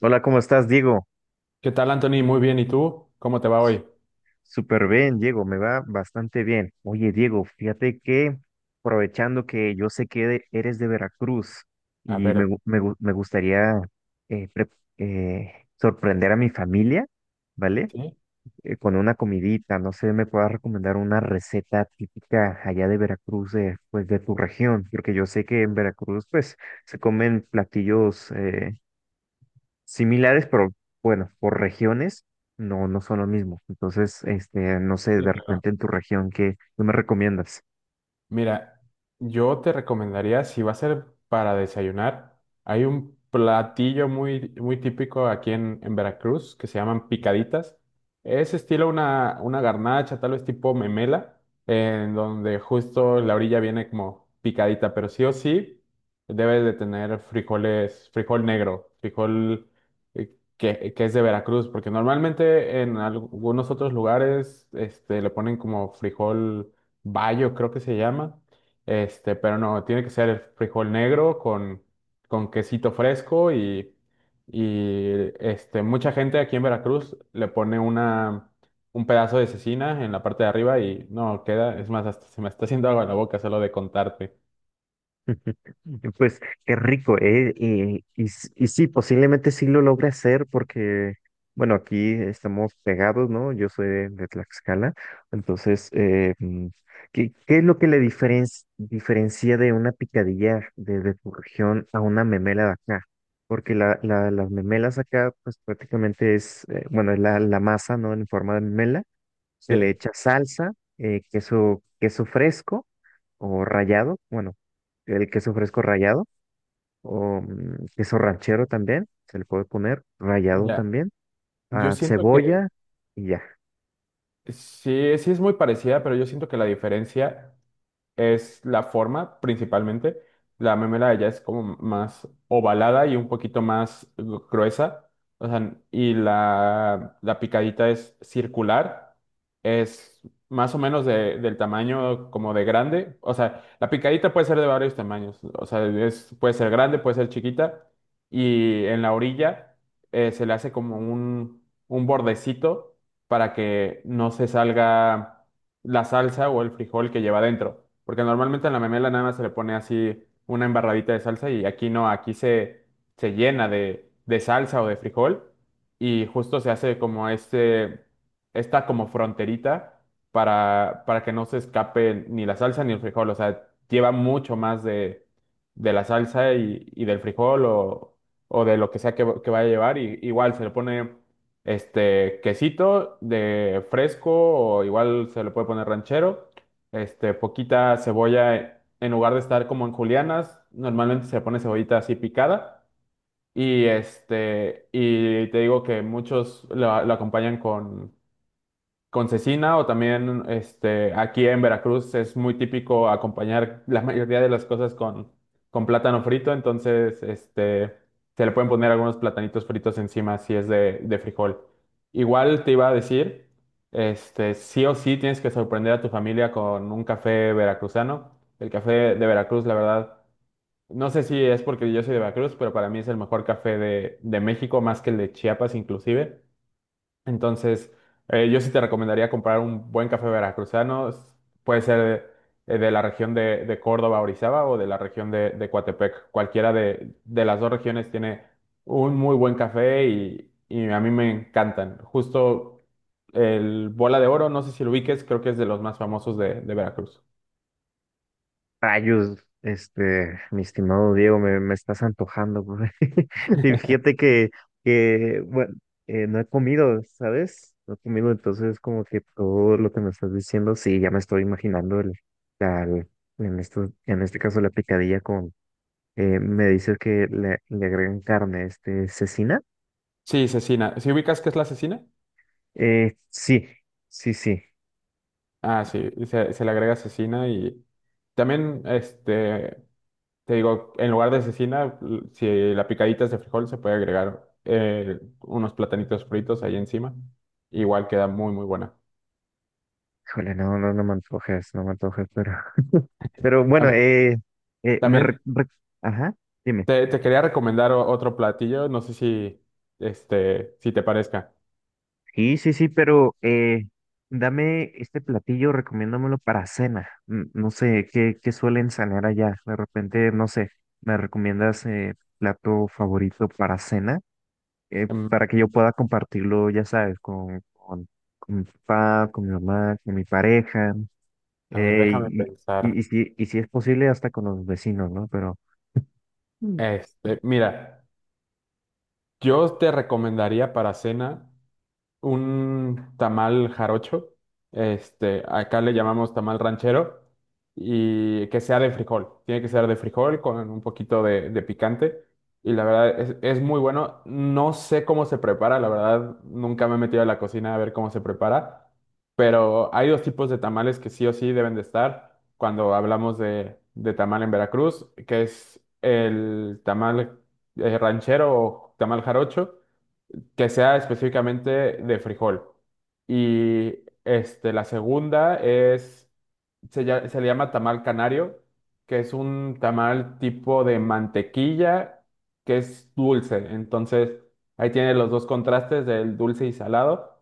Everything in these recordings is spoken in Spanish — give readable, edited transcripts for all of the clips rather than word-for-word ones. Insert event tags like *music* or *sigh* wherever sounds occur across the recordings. Hola, ¿cómo estás, Diego? ¿Qué tal, Anthony? Muy bien. ¿Y tú? ¿Cómo te va hoy? Súper bien, Diego, me va bastante bien. Oye, Diego, fíjate que aprovechando que yo sé que eres de Veracruz A y ver, me gustaría eh, pre- eh, sorprender a mi familia, ¿vale? ¿sí? Con una comidita, no sé, me puedas recomendar una receta típica allá de Veracruz, de, pues de tu región, porque yo sé que en Veracruz, pues, se comen platillos similares, pero bueno, por regiones no son lo mismo. Entonces, este, no sé, Sí, de claro. repente en tu región, ¿qué, qué me recomiendas? Mira, yo te recomendaría, si va a ser para desayunar, hay un platillo muy, muy típico aquí en Veracruz que se llaman picaditas. Es estilo una garnacha, tal vez tipo memela, en donde justo la orilla viene como picadita, pero sí o sí debes de tener frijoles, frijol negro, frijol que es de Veracruz, porque normalmente en algunos otros lugares este, le ponen como frijol bayo, creo que se llama. Este, pero no, tiene que ser el frijol negro con, quesito fresco y este, mucha gente aquí en Veracruz le pone un pedazo de cecina en la parte de arriba y no queda, es más, hasta se me está haciendo agua en la boca solo de contarte. Pues qué rico, ¿eh? Y sí, posiblemente sí lo logre hacer porque, bueno, aquí estamos pegados, ¿no? Yo soy de Tlaxcala, entonces, ¿qué, qué es lo que le diferencia de una picadilla de tu región a una memela de acá? Porque las memelas acá, pues prácticamente es, bueno, es la masa, ¿no? En forma de memela, se Sí, le echa salsa, queso, queso fresco o rallado, bueno el queso fresco rallado o queso ranchero también, se le puede poner, rallado ya, también, yo ah, siento que cebolla y ya. sí, sí es muy parecida, pero yo siento que la diferencia es la forma principalmente. La memela de ella es como más ovalada y un poquito más gruesa. O sea, y la picadita es circular. Es más o menos del tamaño como de grande. O sea, la picadita puede ser de varios tamaños. O sea, es, puede ser grande, puede ser chiquita. Y en la orilla se le hace como un, bordecito para que no se salga la salsa o el frijol que lleva dentro. Porque normalmente en la memela nada más se le pone así una embarradita de salsa y aquí no, aquí se llena de salsa o de frijol y justo se hace como esta como fronterita para que no se escape ni la salsa ni el frijol. O sea, lleva mucho más de la salsa y, del frijol o de lo que sea que vaya a llevar. Y, igual se le pone este, quesito de fresco o igual se le puede poner ranchero. Este, poquita cebolla en lugar de estar como en julianas, normalmente se le pone cebollita así picada. Y y te digo que muchos lo acompañan con cecina o también este, aquí en Veracruz es muy típico acompañar la mayoría de las cosas con plátano frito, entonces este, se le pueden poner algunos platanitos fritos encima si es de frijol. Igual te iba a decir, este, sí o sí tienes que sorprender a tu familia con un café veracruzano. El café de Veracruz, la verdad, no sé si es porque yo soy de Veracruz, pero para mí es el mejor café de México, más que el de Chiapas inclusive. Entonces, yo sí te recomendaría comprar un buen café veracruzano. Puede ser de la región de Córdoba, Orizaba o de la región de Coatepec. Cualquiera de las dos regiones tiene un muy buen café y a mí me encantan. Justo el Bola de Oro, no sé si lo ubiques, creo que es de los más famosos de Veracruz. Rayos, este, mi estimado Diego, me estás antojando, güey. *laughs* Y fíjate que bueno, no he comido, ¿sabes? No he comido, entonces como que todo lo que me estás diciendo, sí, ya me estoy imaginando la- el- en esto, en este caso la picadilla con, me dices que le agregan carne, este, cecina. Sí, cecina. ¿Si ubicas qué es la cecina? Sí, sí, sí. Ah, sí, se le agrega cecina y también este. Te digo, en lugar de cecina, si la picadita es de frijol, se puede agregar unos platanitos fritos ahí encima. Igual queda muy, muy buena. Híjole, no, no, no me antojes, no me antojes, pero bueno, También, eh, me, re- también re- ajá, dime. Te quería recomendar otro platillo, no sé si, este, si te parezca. Sí, sí, sí, pero dame este platillo, recomiéndamelo para cena. No sé, ¿qué, qué suelen sanear allá? De repente, no sé, ¿me recomiendas plato favorito para cena? Em, Para que yo pueda compartirlo, ya sabes, con mi papá, con mi mamá, con mi pareja, a ver, eh, déjame y, pensar. Y si es posible, hasta con los vecinos, ¿no? Pero... Este, mira, yo te recomendaría para cena, un tamal jarocho, este, acá le llamamos tamal ranchero, y que sea de frijol, tiene que ser de frijol con un poquito de picante, y la verdad es muy bueno, no sé cómo se prepara, la verdad nunca me he metido a la cocina a ver cómo se prepara, pero hay dos tipos de tamales que sí o sí deben de estar cuando hablamos de tamal en Veracruz, que es el tamal ranchero o tamal jarocho, que sea específicamente de frijol. Y la segunda es, se le llama tamal canario, que es un tamal tipo de mantequilla, que es dulce. Entonces, ahí tiene los dos contrastes del dulce y salado.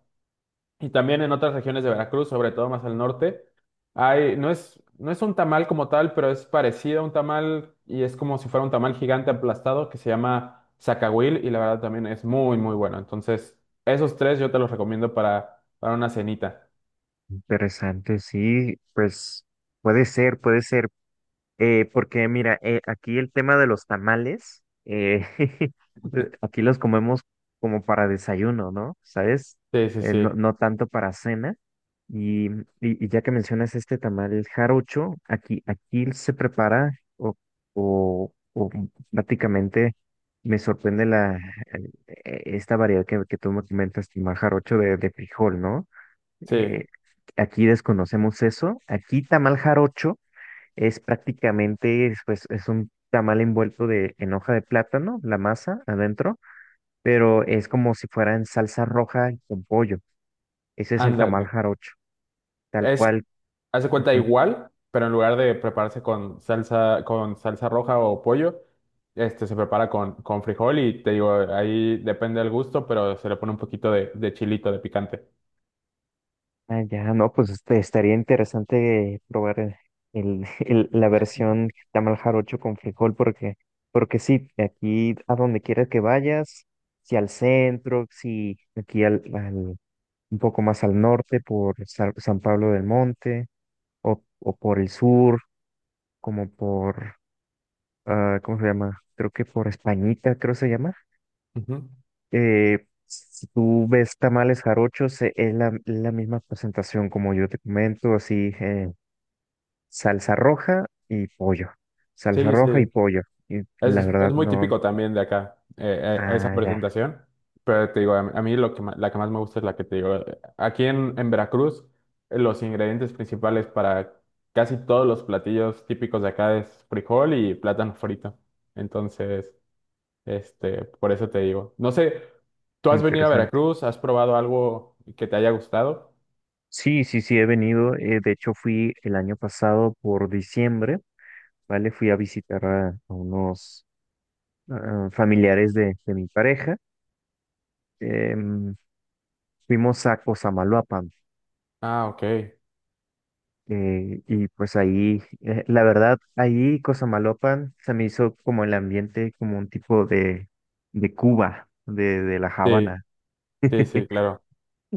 Y también en otras regiones de Veracruz, sobre todo más al norte, hay, no es, no es un tamal como tal, pero es parecido a un tamal y es como si fuera un tamal gigante aplastado que se llama zacahuil y la verdad también es muy, muy bueno. Entonces, esos tres yo te los recomiendo para una cenita. Interesante, sí, pues puede ser, porque mira, aquí el tema de los tamales, *laughs* aquí los comemos como para desayuno, ¿no? ¿Sabes? Sí, sí, No, sí, no tanto para cena. Y ya que mencionas este tamal jarocho, aquí, aquí se prepara o, o prácticamente me sorprende esta variedad que tú me comentas, tamal jarocho de frijol, ¿no? sí, Eh, aquí desconocemos eso. Aquí tamal jarocho es prácticamente, es, pues, es un tamal envuelto en hoja de plátano, la masa adentro, pero es como si fuera en salsa roja y con pollo. Ese es el tamal ándale. jarocho, tal Es cual. Hace cuenta Ujú. igual, pero en lugar de prepararse con salsa, roja o pollo, este se prepara con frijol y te digo, ahí depende del gusto, pero se le pone un poquito de chilito, de picante. Ah, ya, no, pues este, estaría interesante probar *laughs* la versión tamal jarocho con frijol, porque, porque sí, aquí a donde quiera que vayas, si al centro, si aquí al un poco más al norte por San Pablo del Monte o por el sur, como por, ah, ¿cómo se llama? Creo que por Españita, creo se llama. Ujú. Si tú ves tamales jarochos, la misma presentación como yo te comento, así, salsa roja y pollo, salsa Sí, roja y sí. pollo. Y la Es verdad muy no, típico también de acá, a esa ah, ya, presentación. Pero te digo, a mí la que más me gusta es la que te digo. Aquí en Veracruz, los ingredientes principales para casi todos los platillos típicos de acá es frijol y plátano frito. Entonces. Este, por eso te digo. No sé, ¿tú has venido a interesante. Veracruz? ¿Has probado algo que te haya gustado? Sí, sí, sí, he venido. Eh, de hecho, fui el año pasado por diciembre. ¿Vale? Fui a visitar a unos ah, familiares de mi pareja. Em, fuimos a Cosamaloapan. Ah, ok. Eh, y pues ahí, la verdad, ahí Cosamaloapan se me hizo como el ambiente, como un tipo de Cuba, de La Sí, Habana. sí, sí, *laughs* claro.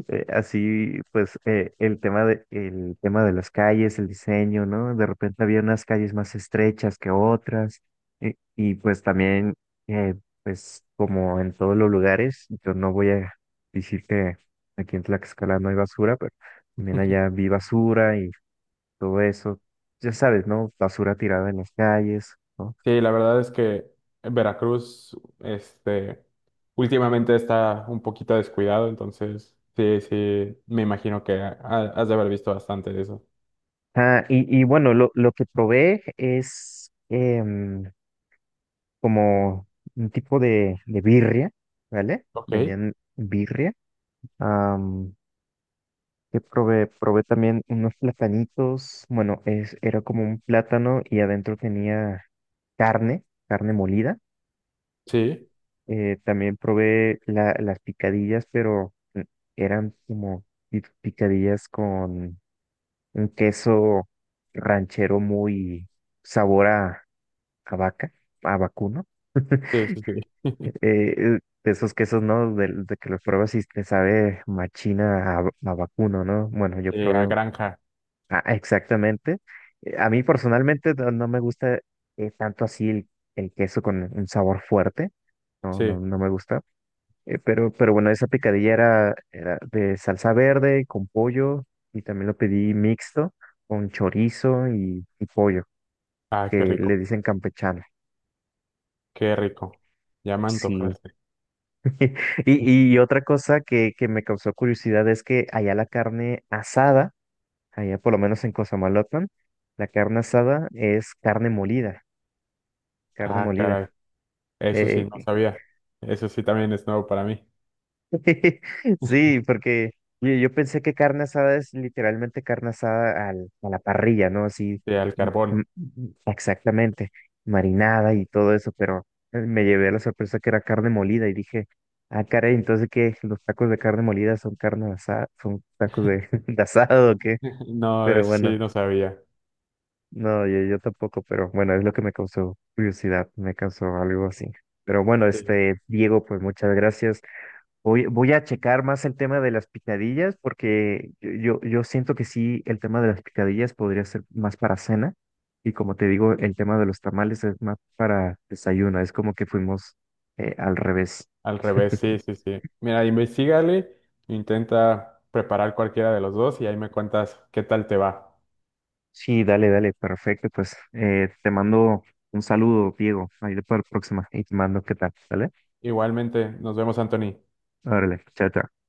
Eh, así, pues, el tema el tema de las calles, el diseño, ¿no? De repente había unas calles más estrechas que otras. eh, y pues también, eh, pues, como en todos los lugares, yo no voy a decir que aquí en Tlaxcala no hay basura, pero también allá *laughs* vi basura y todo eso. Ya sabes, ¿no? Basura tirada en las calles, ¿no? Sí, la verdad es que Veracruz, este, últimamente está un poquito descuidado, entonces sí, sí, me imagino que has de haber visto bastante de eso. Ah, y bueno, lo que probé es... em, como un tipo de birria, ¿vale? Ok, Vendían birria. Am, que probé, probé también unos platanitos. Bueno, es, era como un plátano y adentro tenía carne, carne molida. sí, También probé las picadillas, pero eran como picadillas con un queso ranchero muy sabor a vaca, a vacuno. *laughs* sí, sí, sí. Eh, de esos quesos, ¿no? De que los pruebas y te sabe machina a vacuno, ¿no? Bueno, yo Sí, a probé Granja, ah, exactamente. A mí personalmente no, no me gusta tanto así el queso con un sabor fuerte, no, no, sí. no me gusta. Pero bueno, esa picadilla era, era de salsa verde con pollo y también lo pedí mixto con chorizo y pollo, Ah, qué que le rico, dicen campechano. qué rico. Ya me Sí, antojaste. *laughs* y otra cosa que me causó curiosidad es que allá la carne asada, allá por lo menos en Cosamaloapan, la carne asada es carne molida, carne Ah, molida. caray. Eso sí, Eh, no sabía. Eso sí también es nuevo para mí. *laughs* sí, porque yo pensé que carne asada es literalmente carne asada a la parrilla, ¿no? Así, Sí, al mm, carbón. mm, mm, exactamente, marinada y todo eso, pero me llevé la sorpresa que era carne molida y dije, ah, caray, entonces que los tacos de carne molida son carne asada, son tacos de, *laughs* de asado, ¿o qué? *laughs* No, Pero eso sí, bueno, no sabía. no, yo tampoco, pero bueno, es lo que me causó curiosidad, me causó algo así. Pero bueno, Sí, este, Diego, pues muchas gracias. Voy, voy a checar más el tema de las picadillas porque yo siento que sí, el tema de las picadillas podría ser más para cena y como te digo, el tema de los tamales es más para desayuno, es como que fuimos al revés. al revés, sí, sí, sí. Mira, investigale, intenta preparar cualquiera de los dos y ahí me cuentas qué tal te va. Sí, dale, dale, perfecto, pues te mando un saludo, Diego, ahí para la próxima y te mando qué tal, ¿vale? Igualmente, nos vemos, Anthony. Órale, chao, chao.